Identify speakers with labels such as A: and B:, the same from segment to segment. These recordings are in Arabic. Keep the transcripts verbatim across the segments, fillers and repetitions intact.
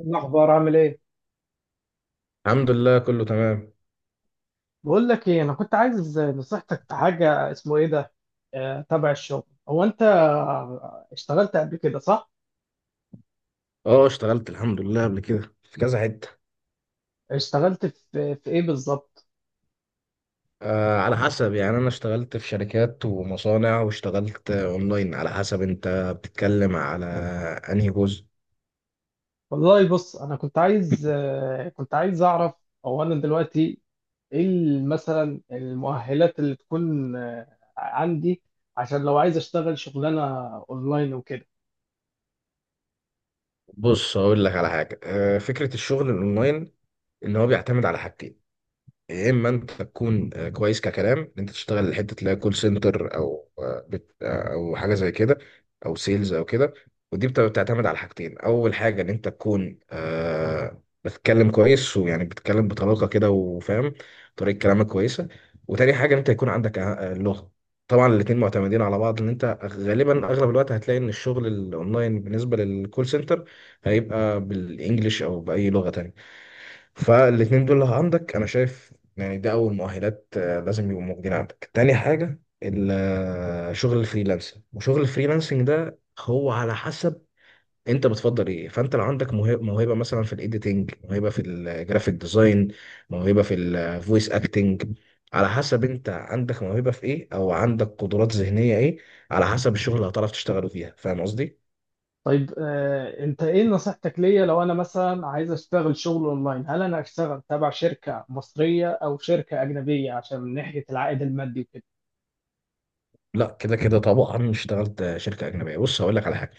A: الأخبار عامل إيه؟
B: الحمد لله كله تمام.
A: بقول لك إيه، أنا كنت عايز نصيحتك في حاجة اسمه إيه ده؟ آه، تبع الشغل. هو أنت اشتغلت قبل كده صح؟
B: اه، اشتغلت الحمد لله قبل كده في كذا حتة.
A: اشتغلت في في إيه بالظبط؟
B: آه على حسب، يعني انا اشتغلت في شركات ومصانع، واشتغلت آه، اونلاين، على حسب انت بتتكلم على انهي جزء.
A: والله بص، أنا كنت عايز آه، كنت عايز أعرف. هو أنا دلوقتي إيه ال- مثلا المؤهلات اللي تكون آه، عندي، عشان لو عايز أشتغل شغلانة أونلاين وكده.
B: بص هقول لك على حاجة، آه فكرة الشغل الاونلاين ان هو بيعتمد على حاجتين. يا اما انت تكون آه، كويس ككلام، ان انت تشتغل حته اللي هي كول سنتر، او آه، بت آه، او حاجه زي كده، او سيلز او كده. ودي بت- بتعتمد على حاجتين: اول حاجه ان انت تكون آه، بتتكلم كويس، ويعني بتتكلم بطلاقه كده وفاهم، طريقه كلامك كويسه. وتاني حاجه ان انت يكون عندك آه، آه، لغه. طبعا الاتنين معتمدين على بعض، ان انت غالبا اغلب الوقت هتلاقي ان الشغل الاونلاين بالنسبه للكول سنتر هيبقى بالانجلش او باي لغه تانية. فالاتنين دول لو عندك، انا شايف يعني ده أول مؤهلات آه، لازم يبقوا موجودين عندك. تاني حاجة، ال- آه، شغل الفريلانسنج. وشغل الفريلانسنج ده هو على حسب انت بتفضل ايه. فانت لو عندك موهبة, موهبة مثلا في الايديتنج، موهبة في الجرافيك ديزاين، موهبة في الفويس اكتنج، على حسب انت عندك موهبة في ايه، او عندك قدرات ذهنية ايه، على حسب الشغل اللي هتعرف تشتغله فيها. فاهم قصدي؟
A: طيب آه، انت ايه نصيحتك ليا لو انا مثلا عايز اشتغل شغل اونلاين؟ هل انا اشتغل تبع شركة مصرية او شركة اجنبية عشان من ناحية العائد المادي وكده؟
B: لا، كده كده طبعا اشتغلت شركة أجنبية. بص هقول لك على حاجة.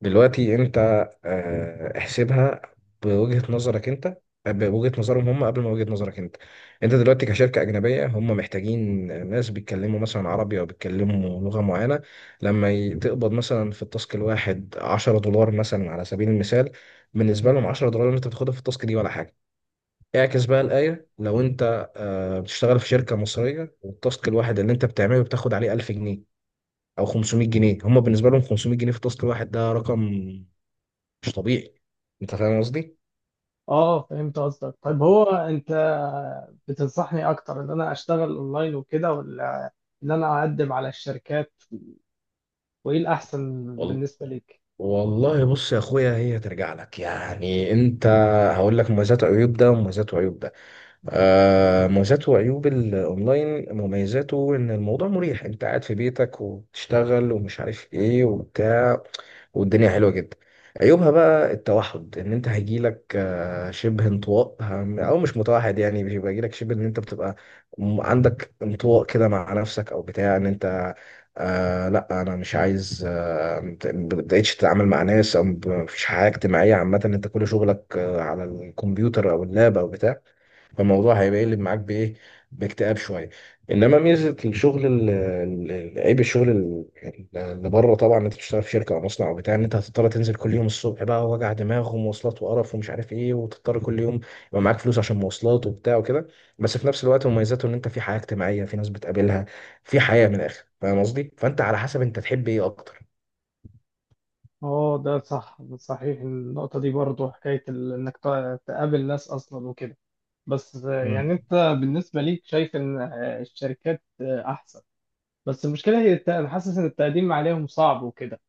B: دلوقتي انت آه، احسبها بوجهة نظرك انت، آه، بوجهة نظرهم هم قبل ما وجهة نظرك انت. انت دلوقتي كشركة أجنبية، هم محتاجين ناس بيتكلموا مثلا عربي أو بيتكلموا لغة معينة. لما ي- تقبض مثلا في التاسك الواحد عشرة دولار مثلا على سبيل المثال، بالنسبة
A: مم.
B: لهم عشرة دولار اللي انت بتاخدها في التاسك دي ولا حاجة. اعكس بقى الآية، لو انت آه، بتشتغل في شركة مصرية، والتاسك الواحد اللي انت بتعمله بتاخد عليه ألف جنيه او خمسمائة جنيه، هم بالنسبه لهم خمسمية جنيه في التاسك الواحد ده رقم مش طبيعي. انت فاهم قصدي؟
A: اه فهمت قصدك. طيب هو انت بتنصحني اكتر ان انا اشتغل اونلاين وكده، ولا ان انا اقدم على الشركات؟ وايه الاحسن
B: وال-
A: بالنسبة ليك؟
B: والله بص يا اخويا، هي ترجع لك يعني انت. هقول لك مميزات وعيوب ده، ومميزات وعيوب ده. آه مميزات وعيوب الاونلاين: مميزاته ان الموضوع مريح، انت قاعد في بيتك وبتشتغل ومش عارف ايه وبتاع، والدنيا حلوة جدا. عيوبها بقى التوحد، ان انت هيجيلك آه، شبه انطواء، هم- او مش متوحد يعني، بيبقى يجيلك شبه ان انت بتبقى م- عندك انطواء كده مع نفسك او بتاع، ان انت آه لا انا مش عايز، آه مت- ما بتبقاش تتعامل مع ناس، او مب- مفيش حياة اجتماعية عامة، انت كل شغلك آه على الكمبيوتر او اللاب او بتاع. فالموضوع هيبقى يقلب معاك بايه؟ باكتئاب شويه. انما ميزه الشغل ال- ال- ال- عيب الشغل ال- ال- اللي بره، طبعا إن انت بتشتغل في شركه او مصنع او بتاع، ان انت هتضطر تنزل كل يوم الصبح بقى، وجع دماغ ومواصلات وقرف ومش عارف ايه، وتضطر كل يوم يبقى معاك فلوس عشان مواصلات وبتاع وكده. بس في نفس الوقت مميزاته ان انت في حياه اجتماعيه، في ناس بتقابلها، في حياه من الاخر. فاهم قصدي؟ فانت على حسب انت تحب ايه اكتر.
A: اه ده صح، صحيح النقطة دي برضو، حكاية ال- انك تقابل ناس اصلا وكده. بس
B: مم.
A: يعني انت بالنسبه ليك شايف ان الشركات احسن. بس المشكله هي الت- انا حاسس ان التقديم عليهم صعب وكده.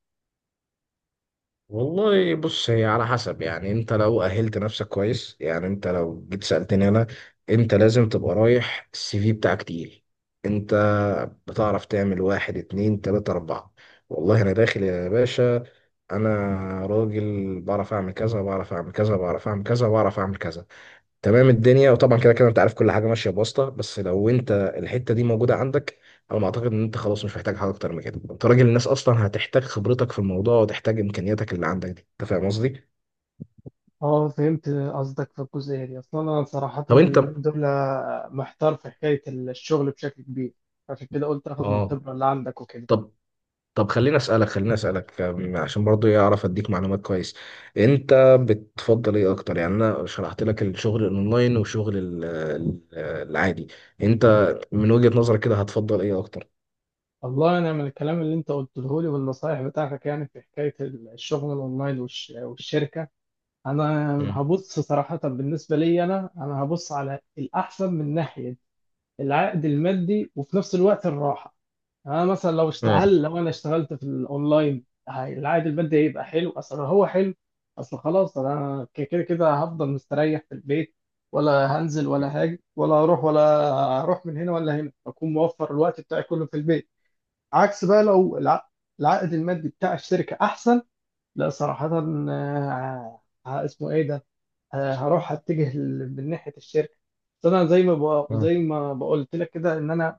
B: والله بص، هي على حسب يعني انت. لو اهلت نفسك كويس يعني، انت لو جيت سألتني انا، انت لازم تبقى رايح السي في بتاعك تقيل. انت بتعرف تعمل واحد، اتنين، تلاتة، اربعة. والله انا داخل يا باشا، انا راجل بعرف اعمل كذا، بعرف اعمل كذا، بعرف اعمل كذا، بعرف اعمل كذا. تمام الدنيا. وطبعا كده كده انت عارف، كل حاجه ماشيه بواسطه، بس لو انت الحته دي موجوده عندك، انا ما اعتقد ان انت خلاص مش محتاج حاجه اكتر من كده، انت راجل الناس اصلا هتحتاج خبرتك في الموضوع، وتحتاج امكانياتك اللي عندك دي. انت فاهم قصدي؟
A: اه فهمت قصدك في الجزئية دي. اصلا انا صراحة
B: طب انت
A: اليومين دول محتار في حكاية الشغل بشكل كبير، عشان كده قلت اخد من
B: اه
A: الخبرة اللي عندك وكده.
B: طب، طب خليني اسالك، خليني اسالك أم، عشان برضو إيه، اعرف اديك معلومات كويس. انت بتفضل ايه اكتر؟ يعني انا شرحت لك الشغل الاونلاين وشغل ال- ال- العادي. انت من وجهة نظرك كده هتفضل ايه اكتر؟
A: والله انا من الكلام اللي انت قلته لي والنصايح بتاعتك، يعني في حكايه الشغل الاونلاين والش- والشركه، انا
B: مم.
A: هبص صراحه. بالنسبه لي انا، انا هبص على الاحسن من ناحيه العائد المادي وفي نفس الوقت الراحه. يعني انا مثلا لو اشت...
B: مم.
A: هل لو انا اشتغلت في الاونلاين هي- العائد المادي هيبقى حلو؟ اصل هو حلو، اصل خلاص انا ك- كده كده هفضل مستريح في البيت، ولا هنزل ولا هاجي ولا هروح ولا هروح من هنا ولا هنا، اكون موفر الوقت بتاعي كله في البيت. عكس بقى لو الع... العائد المادي بتاع الشركه احسن، لا صراحه، آه، آه، اسمه ايه ده آه، هروح اتجه ل- من ناحيه الشركه. بس انا زي ما بق-
B: مم.
A: زي ما بقولت لك كده ان انا،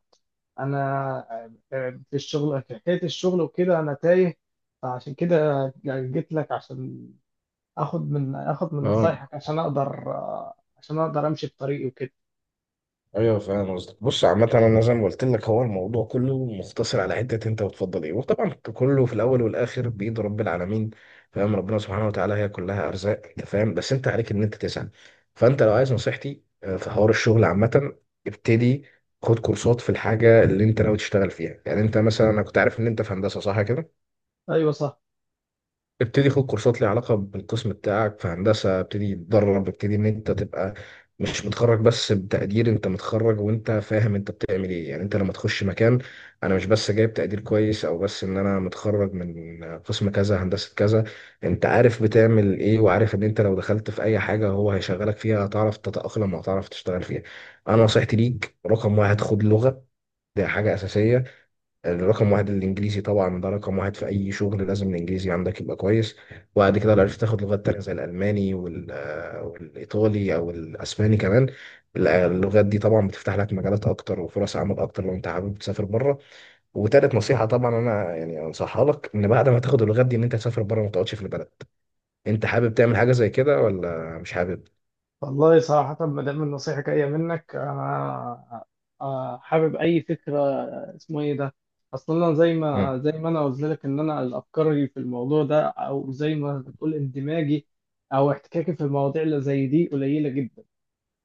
A: انا في الشغل، في حكايه الشغل وكده انا تايه. فعشان كده جيت لك عشان اخد من اخد من
B: اه،
A: نصايحك عشان اقدر آه، عشان اقدر امشي في طريقي وكده.
B: ايوه فاهم قصدك. بص عامة انا زي ما قلت لك، هو الموضوع كله مقتصر على حتة انت بتفضل ايه، وطبعا كله في الاول والاخر بيد رب العالمين. فاهم، ربنا سبحانه وتعالى هي كلها ارزاق. انت فاهم؟ بس انت عليك ان انت تسعى. فانت لو عايز نصيحتي آه، في حوار الشغل عامة، ابتدي خد كورسات في الحاجة اللي انت ناوي تشتغل فيها. يعني انت مثلا، انا كنت عارف ان انت في هندسة، صح كده؟
A: ايوه صح.
B: ابتدي خد كورسات ليها علاقة بالقسم بتاعك في هندسة. ابتدي تدرب، ابتدي ان انت تبقى مش متخرج بس بتقدير، انت متخرج وانت فاهم انت بتعمل ايه. يعني انت لما تخش مكان، انا مش بس جايب تقدير كويس، او بس ان انا متخرج من قسم كذا هندسة كذا، انت عارف بتعمل ايه، وعارف ان انت لو دخلت في اي حاجة هو هيشغلك فيها، هتعرف تتأقلم وهتعرف تشتغل فيها. انا نصيحتي ليك رقم واحد، خد لغة. دي حاجة أساسية. الرقم واحد الانجليزي طبعا، ده رقم واحد في اي شغل، لازم الانجليزي عندك يبقى كويس. وبعد كده لو عرفت تاخد لغات تانية زي الالماني، وال- آه، والايطالي او الاسباني كمان. ال- اللغات دي طبعا بتفتح لك مجالات اكتر وفرص عمل اكتر، لو انت حابب تسافر بره. وتالت نصيحة طبعا انا يعني انصحها لك، ان بعد ما تاخد اللغات دي ان انت تسافر بره، ما تقعدش في البلد. انت حابب تعمل حاجة زي كده ولا مش حابب؟
A: والله صراحه ما دام النصيحه جايه منك، انا آه، حابب اي فكره. آه، اسمه ايه ده اصلا انا زي
B: مم.
A: ما زي ما انا قلت لك ان انا الافكار في الموضوع ده، او زي ما بتقول اندماجي او احتكاكي في المواضيع اللي زي دي قليله جدا.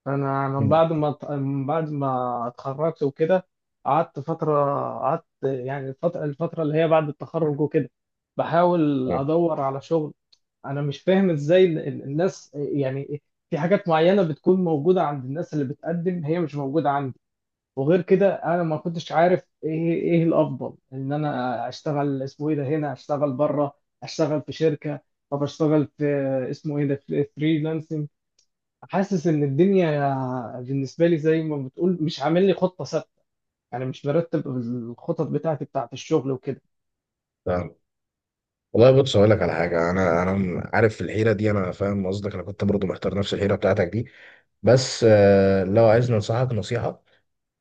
A: انا من
B: مم.
A: بعد ما من بعد ما اتخرجت وكده قعدت فتره، قعدت يعني الفتره، الفتره اللي هي بعد التخرج وكده بحاول ادور على شغل. انا مش فاهم ازاي ال- ال- الناس يعني في حاجات معينه بتكون موجوده عند الناس اللي بتقدم، هي مش موجوده عندي. وغير كده انا ما كنتش عارف ايه، ايه الافضل، ان انا اشتغل، اسمه ايه ده هنا، اشتغل بره، اشتغل في شركه، طب اشتغل في اسمه ايه ده فريلانسنج. حاسس ان الدنيا بالنسبه لي زي ما بتقول مش عامل لي خطه ثابته، يعني مش برتب الخطط بتاعتي بتاعت الشغل وكده.
B: تمام. والله بص اقول لك على حاجه، انا انا عارف في الحيره دي، انا فاهم قصدك، انا كنت برضو محتار نفس الحيره بتاعتك دي. بس آه، لو عايزني انصحك نصيحة،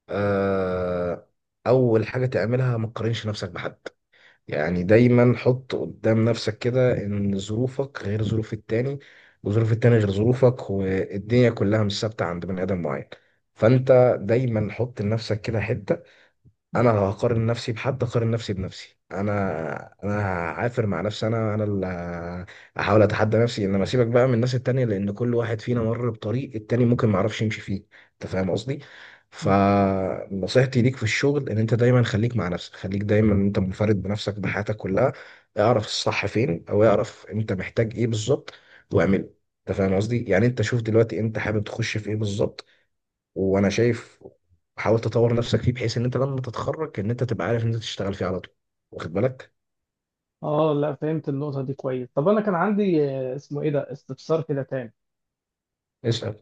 B: آه، اول حاجة تعملها ما تقارنش نفسك بحد. يعني دايما حط قدام نفسك كده ان ظروفك غير ظروف التاني، وظروف التاني غير ظروفك، والدنيا كلها مش ثابتة عند بني ادم معين. فانت دايما حط لنفسك كده حتة، انا هقارن نفسي بحد، اقارن نفسي بنفسي انا انا هعافر مع نفسي، انا انا اللي هحاول اتحدى نفسي. انما سيبك بقى من الناس التانية، لان كل واحد فينا مر بطريق التاني ممكن معرفش يمشي فيه. انت فاهم قصدي؟
A: مم.
B: فنصيحتي ليك في الشغل ان انت دايما خليك مع نفسك، خليك دايما انت منفرد بنفسك بحياتك كلها. اعرف الصح فين، او اعرف انت محتاج ايه بالظبط، واعمله. انت فاهم قصدي؟ يعني انت شوف دلوقتي انت حابب تخش في ايه بالظبط، وانا شايف حاول تطور نفسك فيه، بحيث ان انت لما تتخرج ان انت تبقى عارف ان انت تشتغل فيه على طول. واخد بالك؟
A: اه لا، فهمت النقطه دي كويس. طب انا كان عندي آه، اسمه ايه ده استفسار كده تاني.
B: اسال.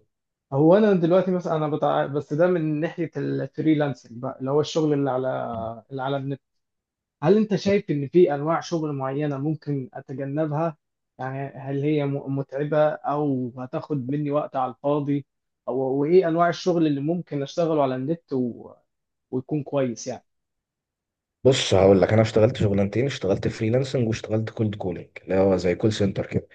A: هو انا دلوقتي مثلا انا بتاع، بس ده من ناحيه الفريلانسنج بقى، اللي هو الشغل اللي على، اللي على النت، هل انت شايف ان في انواع شغل معينة ممكن اتجنبها؟ يعني هل هي م- متعبة او هتاخد مني وقت على الفاضي؟ او وايه انواع الشغل اللي ممكن اشتغله على النت و... ويكون كويس يعني؟
B: بص هقول لك، انا اشتغلت شغلانتين: اشتغلت فريلانسنج واشتغلت كولد كولينج اللي هو زي كول سنتر كده.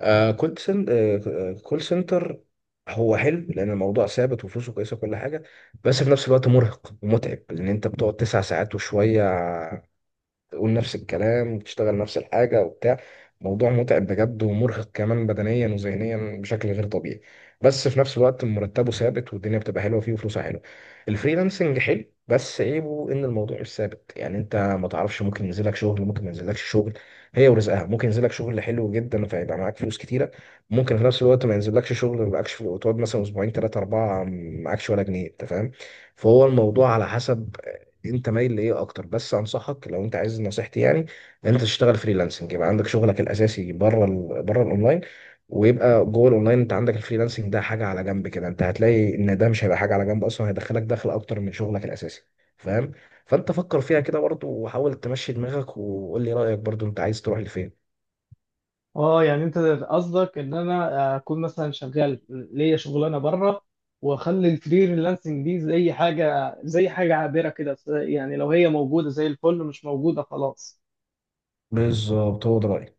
B: آه كولد سن... آه كول سنتر هو حلو، لان الموضوع ثابت وفلوسه كويسه وكل حاجه. بس في نفس الوقت مرهق ومتعب، لان انت بتقعد تسع ساعات وشويه تقول نفس الكلام وتشتغل نفس الحاجة وبتاع. موضوع متعب بجد، ومرهق كمان بدنيا وذهنيا بشكل غير طبيعي. بس في نفس الوقت مرتبه ثابت، والدنيا بتبقى حلوة فيه وفلوسه حلوة. الفريلانسنج حلو، بس عيبه ان الموضوع مش ثابت، يعني انت ما تعرفش، ممكن ينزلك شغل ممكن ما ينزلكش شغل. هي ورزقها، ممكن ينزلك شغل حلو جدا فيبقى معاك فلوس كتيرة، ممكن في نفس الوقت ما ينزلكش شغل ما يبقاكش في- وتقعد مثلا اسبوعين ثلاثة أربعة معاكش ولا جنيه. انت فاهم؟ فهو الموضوع على حسب انت مايل لايه اكتر، بس انصحك لو انت عايز نصيحتي يعني، ان انت تشتغل فريلانسنج يبقى عندك شغلك الاساسي بره ال... بره الاونلاين، ويبقى جوه الاونلاين انت عندك الفريلانسنج ده، حاجه على جنب كده. انت هتلاقي ان ده مش هيبقى حاجه على جنب اصلا، هيدخلك دخل اكتر من شغلك الاساسي. فاهم؟ فانت فكر فيها كده برضو، وحاول تمشي دماغك وقول لي رايك برضو، انت عايز تروح لفين.
A: اه يعني انت قصدك ان انا اكون مثلا شغال ليا شغلانه بره، واخلي الفريلانسنج دي زي حاجه، زي حاجه عابره كده، يعني لو هي موجوده زي الفل، مش موجوده خلاص؟
B: بالظبط، هو ده رايي.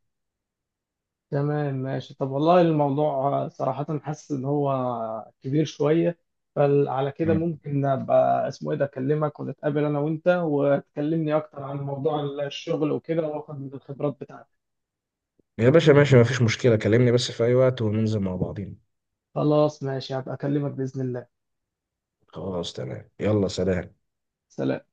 A: تمام ماشي. طب والله الموضوع صراحة حاسس إن هو كبير شوية. فعلى كده
B: مم.
A: ممكن أبقى اسمه إيه ده أكلمك، ونتقابل أنا وأنت وتكلمني أكتر عن موضوع الشغل وكده، وآخد من الخبرات بتاعتك.
B: يا باشا ماشي، مفيش مشكله، كلمني بس في اي وقت وننزل مع بعضين.
A: خلاص ماشي، هبقى أكلمك بإذن الله.
B: خلاص تمام، يلا سلام.
A: سلام.